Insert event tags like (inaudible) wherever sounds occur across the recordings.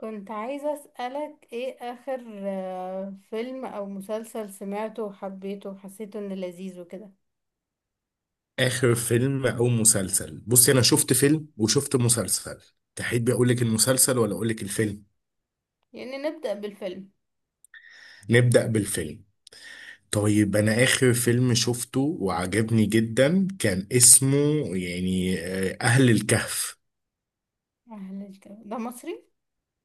كنت عايزة أسألك إيه آخر فيلم أو مسلسل سمعته وحبيته وحسيته إنه لذيذ وكده. اخر فيلم او مسلسل، بصي انا شفت فيلم وشفت مسلسل. تحبي اقول لك المسلسل ولا اقول لك الفيلم؟ يعني نبدأ بالفيلم. نبدأ بالفيلم. طيب انا اخر فيلم شفته وعجبني جدا كان اسمه اهل الكهف. أهلا، الجو ده مصري؟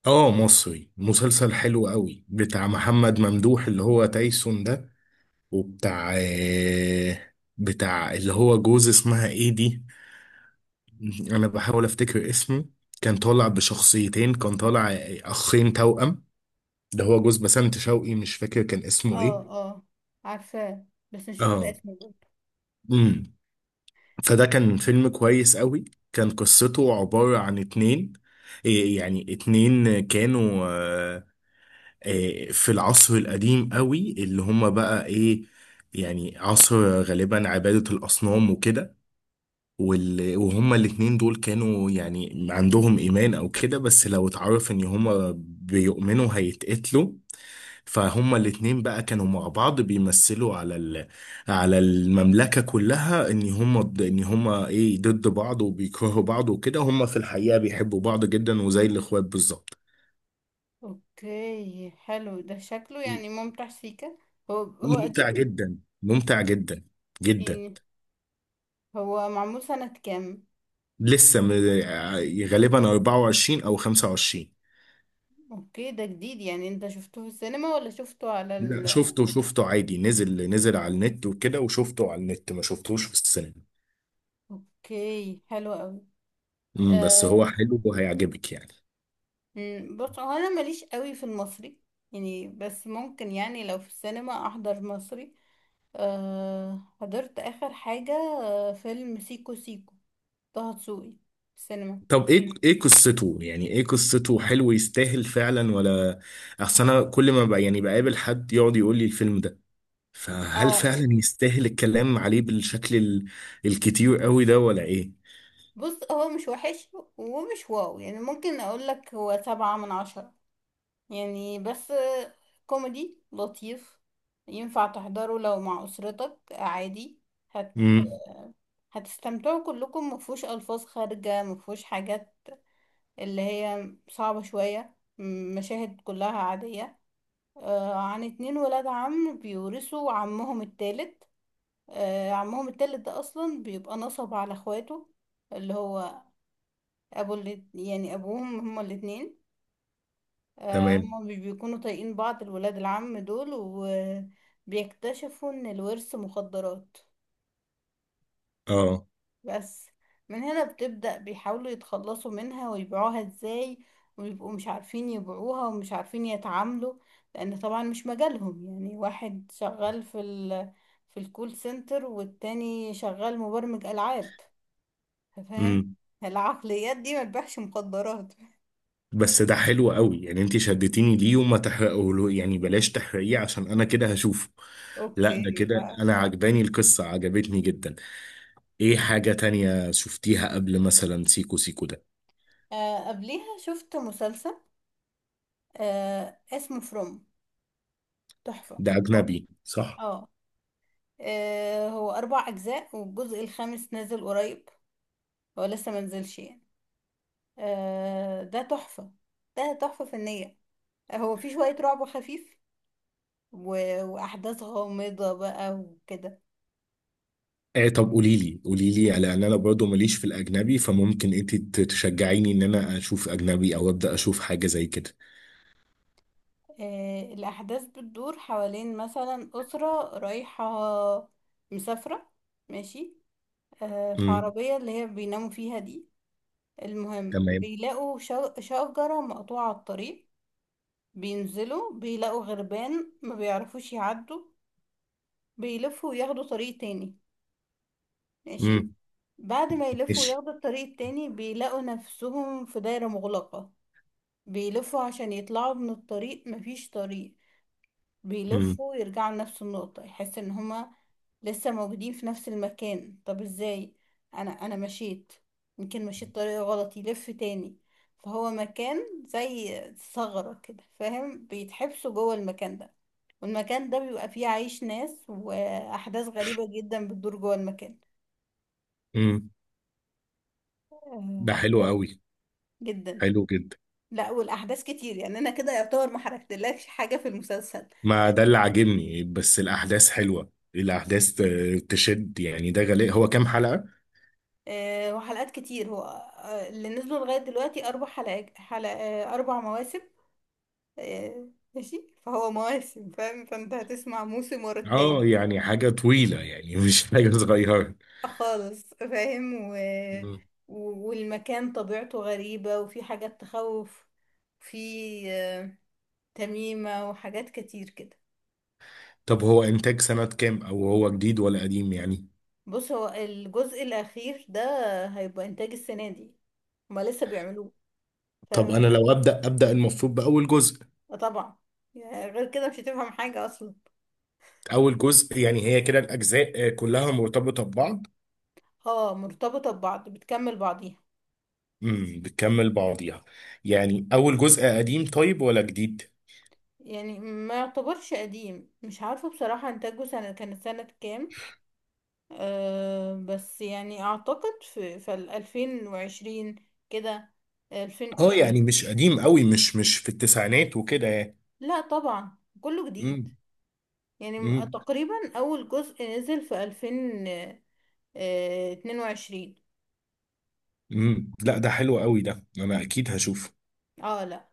اه مصري، مسلسل حلو قوي بتاع محمد ممدوح اللي هو تايسون ده، وبتاع آه، بتاع اللي هو جوز اسمها ايه دي. انا بحاول افتكر اسمه. كان طالع بشخصيتين، كان طالع اخين توأم. ده هو جوز بسنت شوقي، مش فاكر كان اسمه اه ايه. اه، عارفاه، بس مش فاكرة اه. اسمه برضه. امم فده كان فيلم كويس قوي. كان قصته عبارة عن اتنين، إيه يعني اتنين كانوا في العصر القديم قوي اللي هما بقى ايه، يعني عصر غالبا عبادة الأصنام وكده. وهما الاتنين دول كانوا يعني عندهم إيمان أو كده، بس لو اتعرف إن هما بيؤمنوا هيتقتلوا. فهما الاتنين بقى كانوا مع بعض بيمثلوا على المملكة كلها ان هما ان هما ايه ضد بعض وبيكرهوا بعض وكده، هما في الحقيقة بيحبوا بعض جدا وزي الاخوات بالظبط. اوكي حلو، ده شكله يعني ممتع سيكا. هو ممتع قديم جدا، ممتع جدا جدا. يعني؟ هو معمول سنة كام؟ لسه م... غالبا 24 او 25. اوكي ده جديد يعني، انت شفته في السينما ولا شفته على لا ال... شفته، عادي، نزل على النت وكده وشفته على النت، ما شفتوش في السينما. اوكي حلو قوي. بس هو حلو وهيعجبك يعني. مم، بص هو انا ماليش قوي في المصري يعني، بس ممكن يعني لو في السينما احضر مصري. أه حضرت اخر حاجة فيلم سيكو سيكو طه دسوقي في السينما. طب ايه، قصته، يعني ايه قصته؟ حلو يستاهل فعلا ولا؟ اصل انا كل ما بقى يعني بقابل حد يقعد يقول لي الفيلم ده، فهل اه فعلا يستاهل الكلام عليه الكتير قوي ده ولا ايه؟ بص هو مش وحش ومش واو، يعني ممكن اقول لك هو 7 من 10 يعني، بس كوميدي لطيف. ينفع تحضره لو مع اسرتك عادي. هت- امم. هتستمتعوا كلكم، مفهوش الفاظ خارجة، مفهوش حاجات اللي هي صعبة شوية، مشاهد كلها عادية. عن اتنين ولاد عم بيورثوا عمهم التالت. عمهم التالت ده أصلا بيبقى نصب على اخواته، اللي هو يعني أبوهم هما الاتنين. تمام. هما مش بيكونوا طايقين بعض الولاد العم دول. وبيكتشفوا إن الورث مخدرات، اه. بس. من هنا بتبدأ بيحاولوا يتخلصوا منها ويبيعوها ازاي، ويبقوا مش عارفين يبيعوها ومش عارفين يتعاملوا، لأن طبعا مش مجالهم. يعني واحد شغال في ال... في الكول سنتر، والتاني شغال مبرمج ألعاب، فاهم. امم العقليات دي ما تبيعش مخدرات (laughs) بس ده حلو قوي، يعني انت شدتيني ليه، وما تحرقه يعني، بلاش تحرقيه عشان انا كده هشوفه. لا ده اوكي كده، لا. انا عجباني القصة، عجبتني جدا. ايه حاجة تانية شفتيها قبل مثلا سيكو سيكو ده؟ آه، قبليها شفت مسلسل اسمه فروم، تحفة. ده اجنبي صح؟ اه، هو 4 أجزاء والجزء الخامس نازل قريب، هو لسه منزلش يعني. آه ده تحفة، ده تحفة فنية. هو في شوية رعب خفيف و... وأحداث غامضة بقى وكده. آه طب قولي لي، قولي لي، لان انا برضه ماليش في الاجنبي، فممكن انت تشجعيني ان انا اشوف اجنبي او ابدا اشوف حاجه زي كده. الأحداث بتدور حوالين مثلا أسرة رايحة مسافرة، ماشي. في امم. عربية اللي هي بيناموا فيها دي. المهم تمام. بيلاقوا شجرة مقطوعة على الطريق. بينزلوا بيلاقوا غربان، ما بيعرفوش يعدوا، بيلفوا وياخدوا طريق تاني، ماشي. امم. بعد ما يلفوا ماشي. ياخدوا الطريق التاني، بيلاقوا نفسهم في دايرة مغلقة. بيلفوا عشان يطلعوا من الطريق، مفيش طريق. امم. بيلفوا يرجعوا لنفس النقطة، يحس ان هما لسه موجودين في نفس المكان. طب ازاي؟ انا مشيت، يمكن مشيت طريقة غلط، يلف تاني. فهو مكان زي ثغرة كده فاهم، بيتحبسوا جوه المكان ده، والمكان ده بيبقى فيه عايش ناس، وأحداث غريبة جدا بتدور جوه المكان. امم. آه، ده حلو بس. قوي، جدا. حلو جدا. لا والاحداث كتير، يعني انا كده يعتبر ما حركتلكش حاجه في المسلسل. ما ده اللي عاجبني، بس الاحداث حلوه، الاحداث تشد يعني. ده غالي، هو كام حلقه؟ أه وحلقات كتير، هو اللي نزلوا لغايه دلوقتي 4 حلقات حلق آه، 4 مواسم. أه ماشي، فهو مواسم فاهم، فانت هتسمع موسم ورا اه التاني. يعني حاجه طويله يعني، (laughs) مش حاجه صغيره. خالص فاهم و... مم. والمكان طبيعته غريبه، وفي حاجات تخوف، في آه، تميمه وحاجات كتير كده. طب هو انتاج سنه كام، او هو جديد ولا قديم يعني؟ بص هو الجزء الاخير ده هيبقى انتاج السنه دي، هما لسه بيعملوه، طب انا فهمتك. لو ابدا المفروض باول جزء. آه طبعا، يعني غير كده مش هتفهم حاجة أصلا. اول جزء، يعني هي كده الاجزاء كلها مرتبطه ببعض؟ اه مرتبطة ببعض، بتكمل بعضيها. امم، بتكمل بعضيها. يعني اول جزء قديم طيب ولا جديد؟ يعني ما يعتبرش قديم، مش عارفة بصراحة إنتاجه سنة كانت سنة كام. أه بس يعني أعتقد في الـ 2020 كده، ألفين، اه لا. يعني مش قديم قوي، مش في التسعينات وكده يعني. لا طبعا كله جديد، امم. يعني امم. تقريبا أول جزء نزل في ألفين اتنين وعشرين. امم، لا ده حلو قوي، ده انا اكيد هشوفه. اه لا،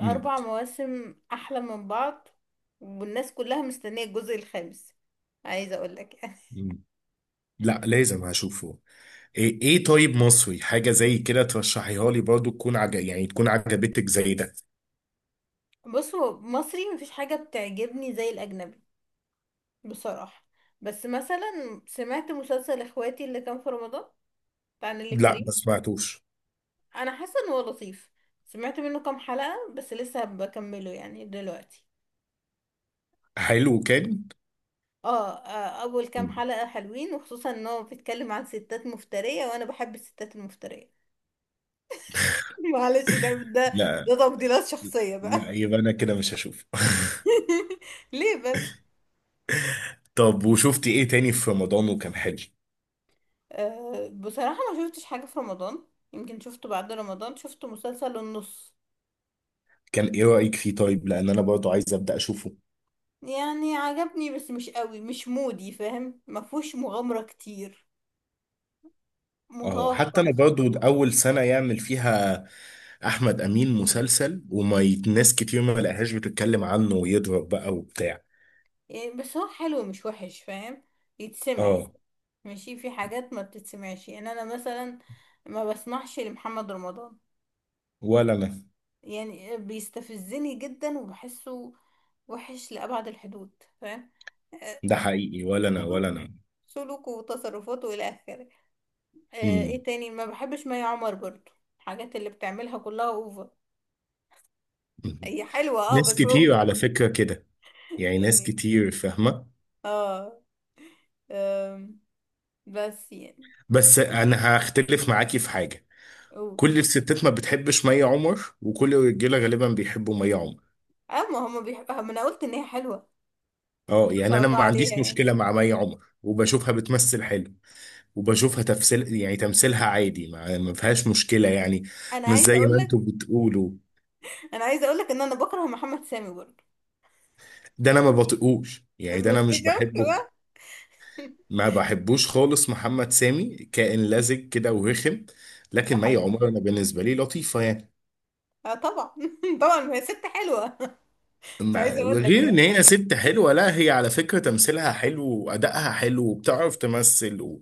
امم. مواسم أحلى من بعض، والناس كلها مستنية الجزء الخامس، عايزة أقولك يعني. امم. لا لازم هشوفه. ايه، طيب مصري حاجه زي كده ترشحيها لي برضو، يعني تكون عجبتك زي ده؟ (laughs) بص هو مصري مفيش حاجة بتعجبني زي الأجنبي بصراحة، بس مثلا سمعت مسلسل إخواتي اللي كان في رمضان بتاع نيللي لا ما كريم. سمعتوش. أنا حاسة إن هو لطيف، سمعت منه كام حلقة بس لسه بكمله يعني دلوقتي. حلو كان. اه أول كام مم. حلقة حلوين، وخصوصا إن هو بيتكلم عن ستات مفترية وأنا بحب الستات المفترية، معلش ده ده لا. ده تفضيلات شخصية بقى لا (laughs) يبقى انا كده مش هشوف. (laughs) ليه بس. طب وشفتي ايه تاني في رمضان وكان حلو؟ أه بصراحة ما شفتش حاجة في رمضان، يمكن شفته بعد رمضان، شفت مسلسل النص. كان ايه رأيك فيه طيب، لان انا برضو عايز ابدأ اشوفه. يعني عجبني بس مش قوي، مش مودي فاهم، ما فيهوش مغامرة كتير، اه، متوقع حتى انا شوية. برضو اول سنة يعمل فيها احمد امين مسلسل، ناس كتير ما لقاهاش بتتكلم عنه ويضرب بقى وبتاع. يعني بس هو حلو مش وحش فاهم، يتسمعي. اه. ماشي في حاجات ما بتتسمعش، يعني انا مثلا ما بسمعش لمحمد رمضان، ولا انا. يعني بيستفزني جدا وبحسه وحش لأبعد الحدود فاهم. آه، ده حقيقي، ولا انا سلوك ولا انا. سلوكه وتصرفاته إلى آخره. مم. إيه تاني، ما بحبش مي عمر برضو. الحاجات اللي بتعملها كلها أوفر، مم. هي حلوة أه ناس بس أوفر كتير على فكرة كده، يعني ناس يعني. كتير فاهمة. أه، آم، بس يعني. بس انا هختلف معاكي في حاجة، قول. كل الستات ما بتحبش مي عمر، وكل الرجاله غالبا بيحبوا مي عمر. أه ما هما بيحب، ما أنا قلت إن هي حلوة، اه ما يعني شاء انا الله ما عليها عنديش يعني. مشكله مع مي عمر، وبشوفها بتمثل حلو، وبشوفها تمثيل يعني تمثيلها عادي، ما فيهاش مشكله يعني، أنا مش عايزة زي أقول ما لك انتوا بتقولوا. أنا عايزة أقول لك إن أنا بكره محمد سامي برضو، ده انا ما بطيقوش بس يعني، ده انا إيه، مش شفت بحبه. بقى. ما بحبوش خالص محمد سامي، كائن لزج كده ورخم. ده لكن مي حقيقي، عمر انا بالنسبه لي لطيفه يعني. أه طبعا (laughs) طبعا، ما هي ست حلوة (laughs) مش مع- عايزة أقول لك غير ان يعني. هي ست حلوه، لا هي على فكره تمثيلها حلو، وادائها حلو، وبتعرف تمثل و...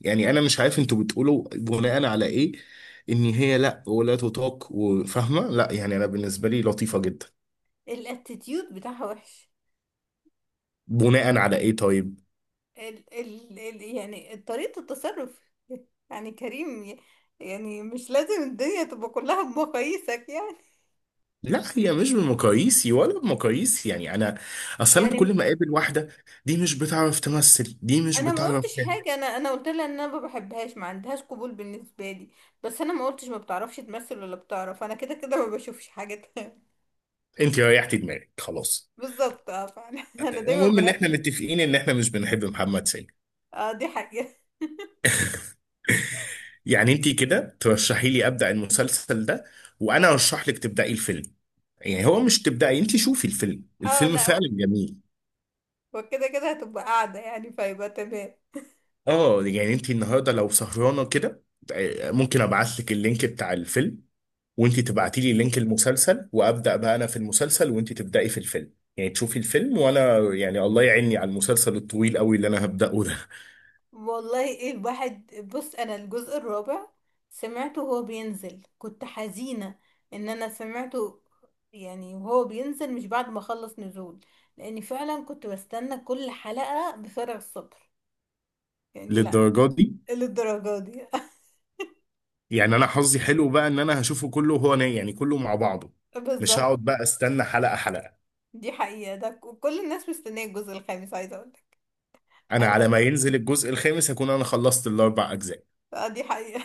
يعني انا مش عارف انتوا بتقولوا بناء على ايه ان هي لا ولا تطاق وفاهمه، لا، يعني انا بالنسبه لي لطيفه جدا. الاتيتيود بتاعها وحش، بناء على ايه طيب؟ ال ال ال يعني طريقة التصرف، يعني كريم يعني مش لازم الدنيا تبقى كلها بمقاييسك يعني. لا هي مش بمقاييسي ولا بمقاييس يعني انا، اصلا كل يعني ما اقابل واحده، دي مش بتعرف تمثل، دي مش انا ما بتعرف قلتش حاجة انا انا قلت لها ان انا ما بحبهاش، ما عندهاش قبول بالنسبة لي. بس انا ما قلتش ما بتعرفش تمثل ولا بتعرف، انا كده كده ما بشوفش حاجة تانية. انت ريحتي دماغك خلاص. (laughs) بالظبط، اه فعلا (laughs) انا دايما المهم ان احنا بركز. متفقين ان احنا مش بنحب محمد سامي. اه دي حاجة. يعني انت كده ترشحي لي ابدا المسلسل ده، وانا ارشح لك تبداي الفيلم. يعني هو مش تبداي، انت شوفي الفيلم، اه الفيلم لا، فعلا جميل. وكده كده هتبقى قاعدة يعني، فيبقى تمام. اه يعني انت النهارده لو سهرانه كده، ممكن ابعت لك اللينك بتاع الفيلم، وانت تبعتي لي لينك المسلسل، وابدا بقى انا في المسلسل وانت تبداي في الفيلم، يعني تشوفي الفيلم، وانا يعني الله يعيني على المسلسل الطويل قوي اللي انا هبداه ده. والله، ايه الواحد، بص انا الجزء الرابع سمعته وهو بينزل، كنت حزينة ان انا سمعته، يعني وهو بينزل مش بعد ما خلص نزول، لاني فعلا كنت بستنى كل حلقة بفارغ الصبر (laughs) يعني، لا. للدرجه دي؟ إيه للدرجة دي. يعني انا حظي حلو بقى ان انا هشوفه كله، يعني كله مع بعضه، (laughs) مش بالظبط، هقعد بقى استنى حلقه حلقه. دي حقيقة، ده كل الناس مستنية الجزء الخامس، عايزة اقولك انا انا. على ما ينزل الجزء الخامس هكون انا خلصت الاربع اجزاء. دي حقيقة.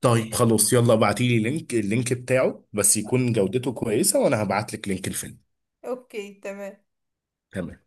طيب خلاص يلا ابعتيلي اللينك بتاعه، بس يكون جودته كويسة، وانا هبعتلك لينك الفيلم. (laughs) اوكي تمام. تمام.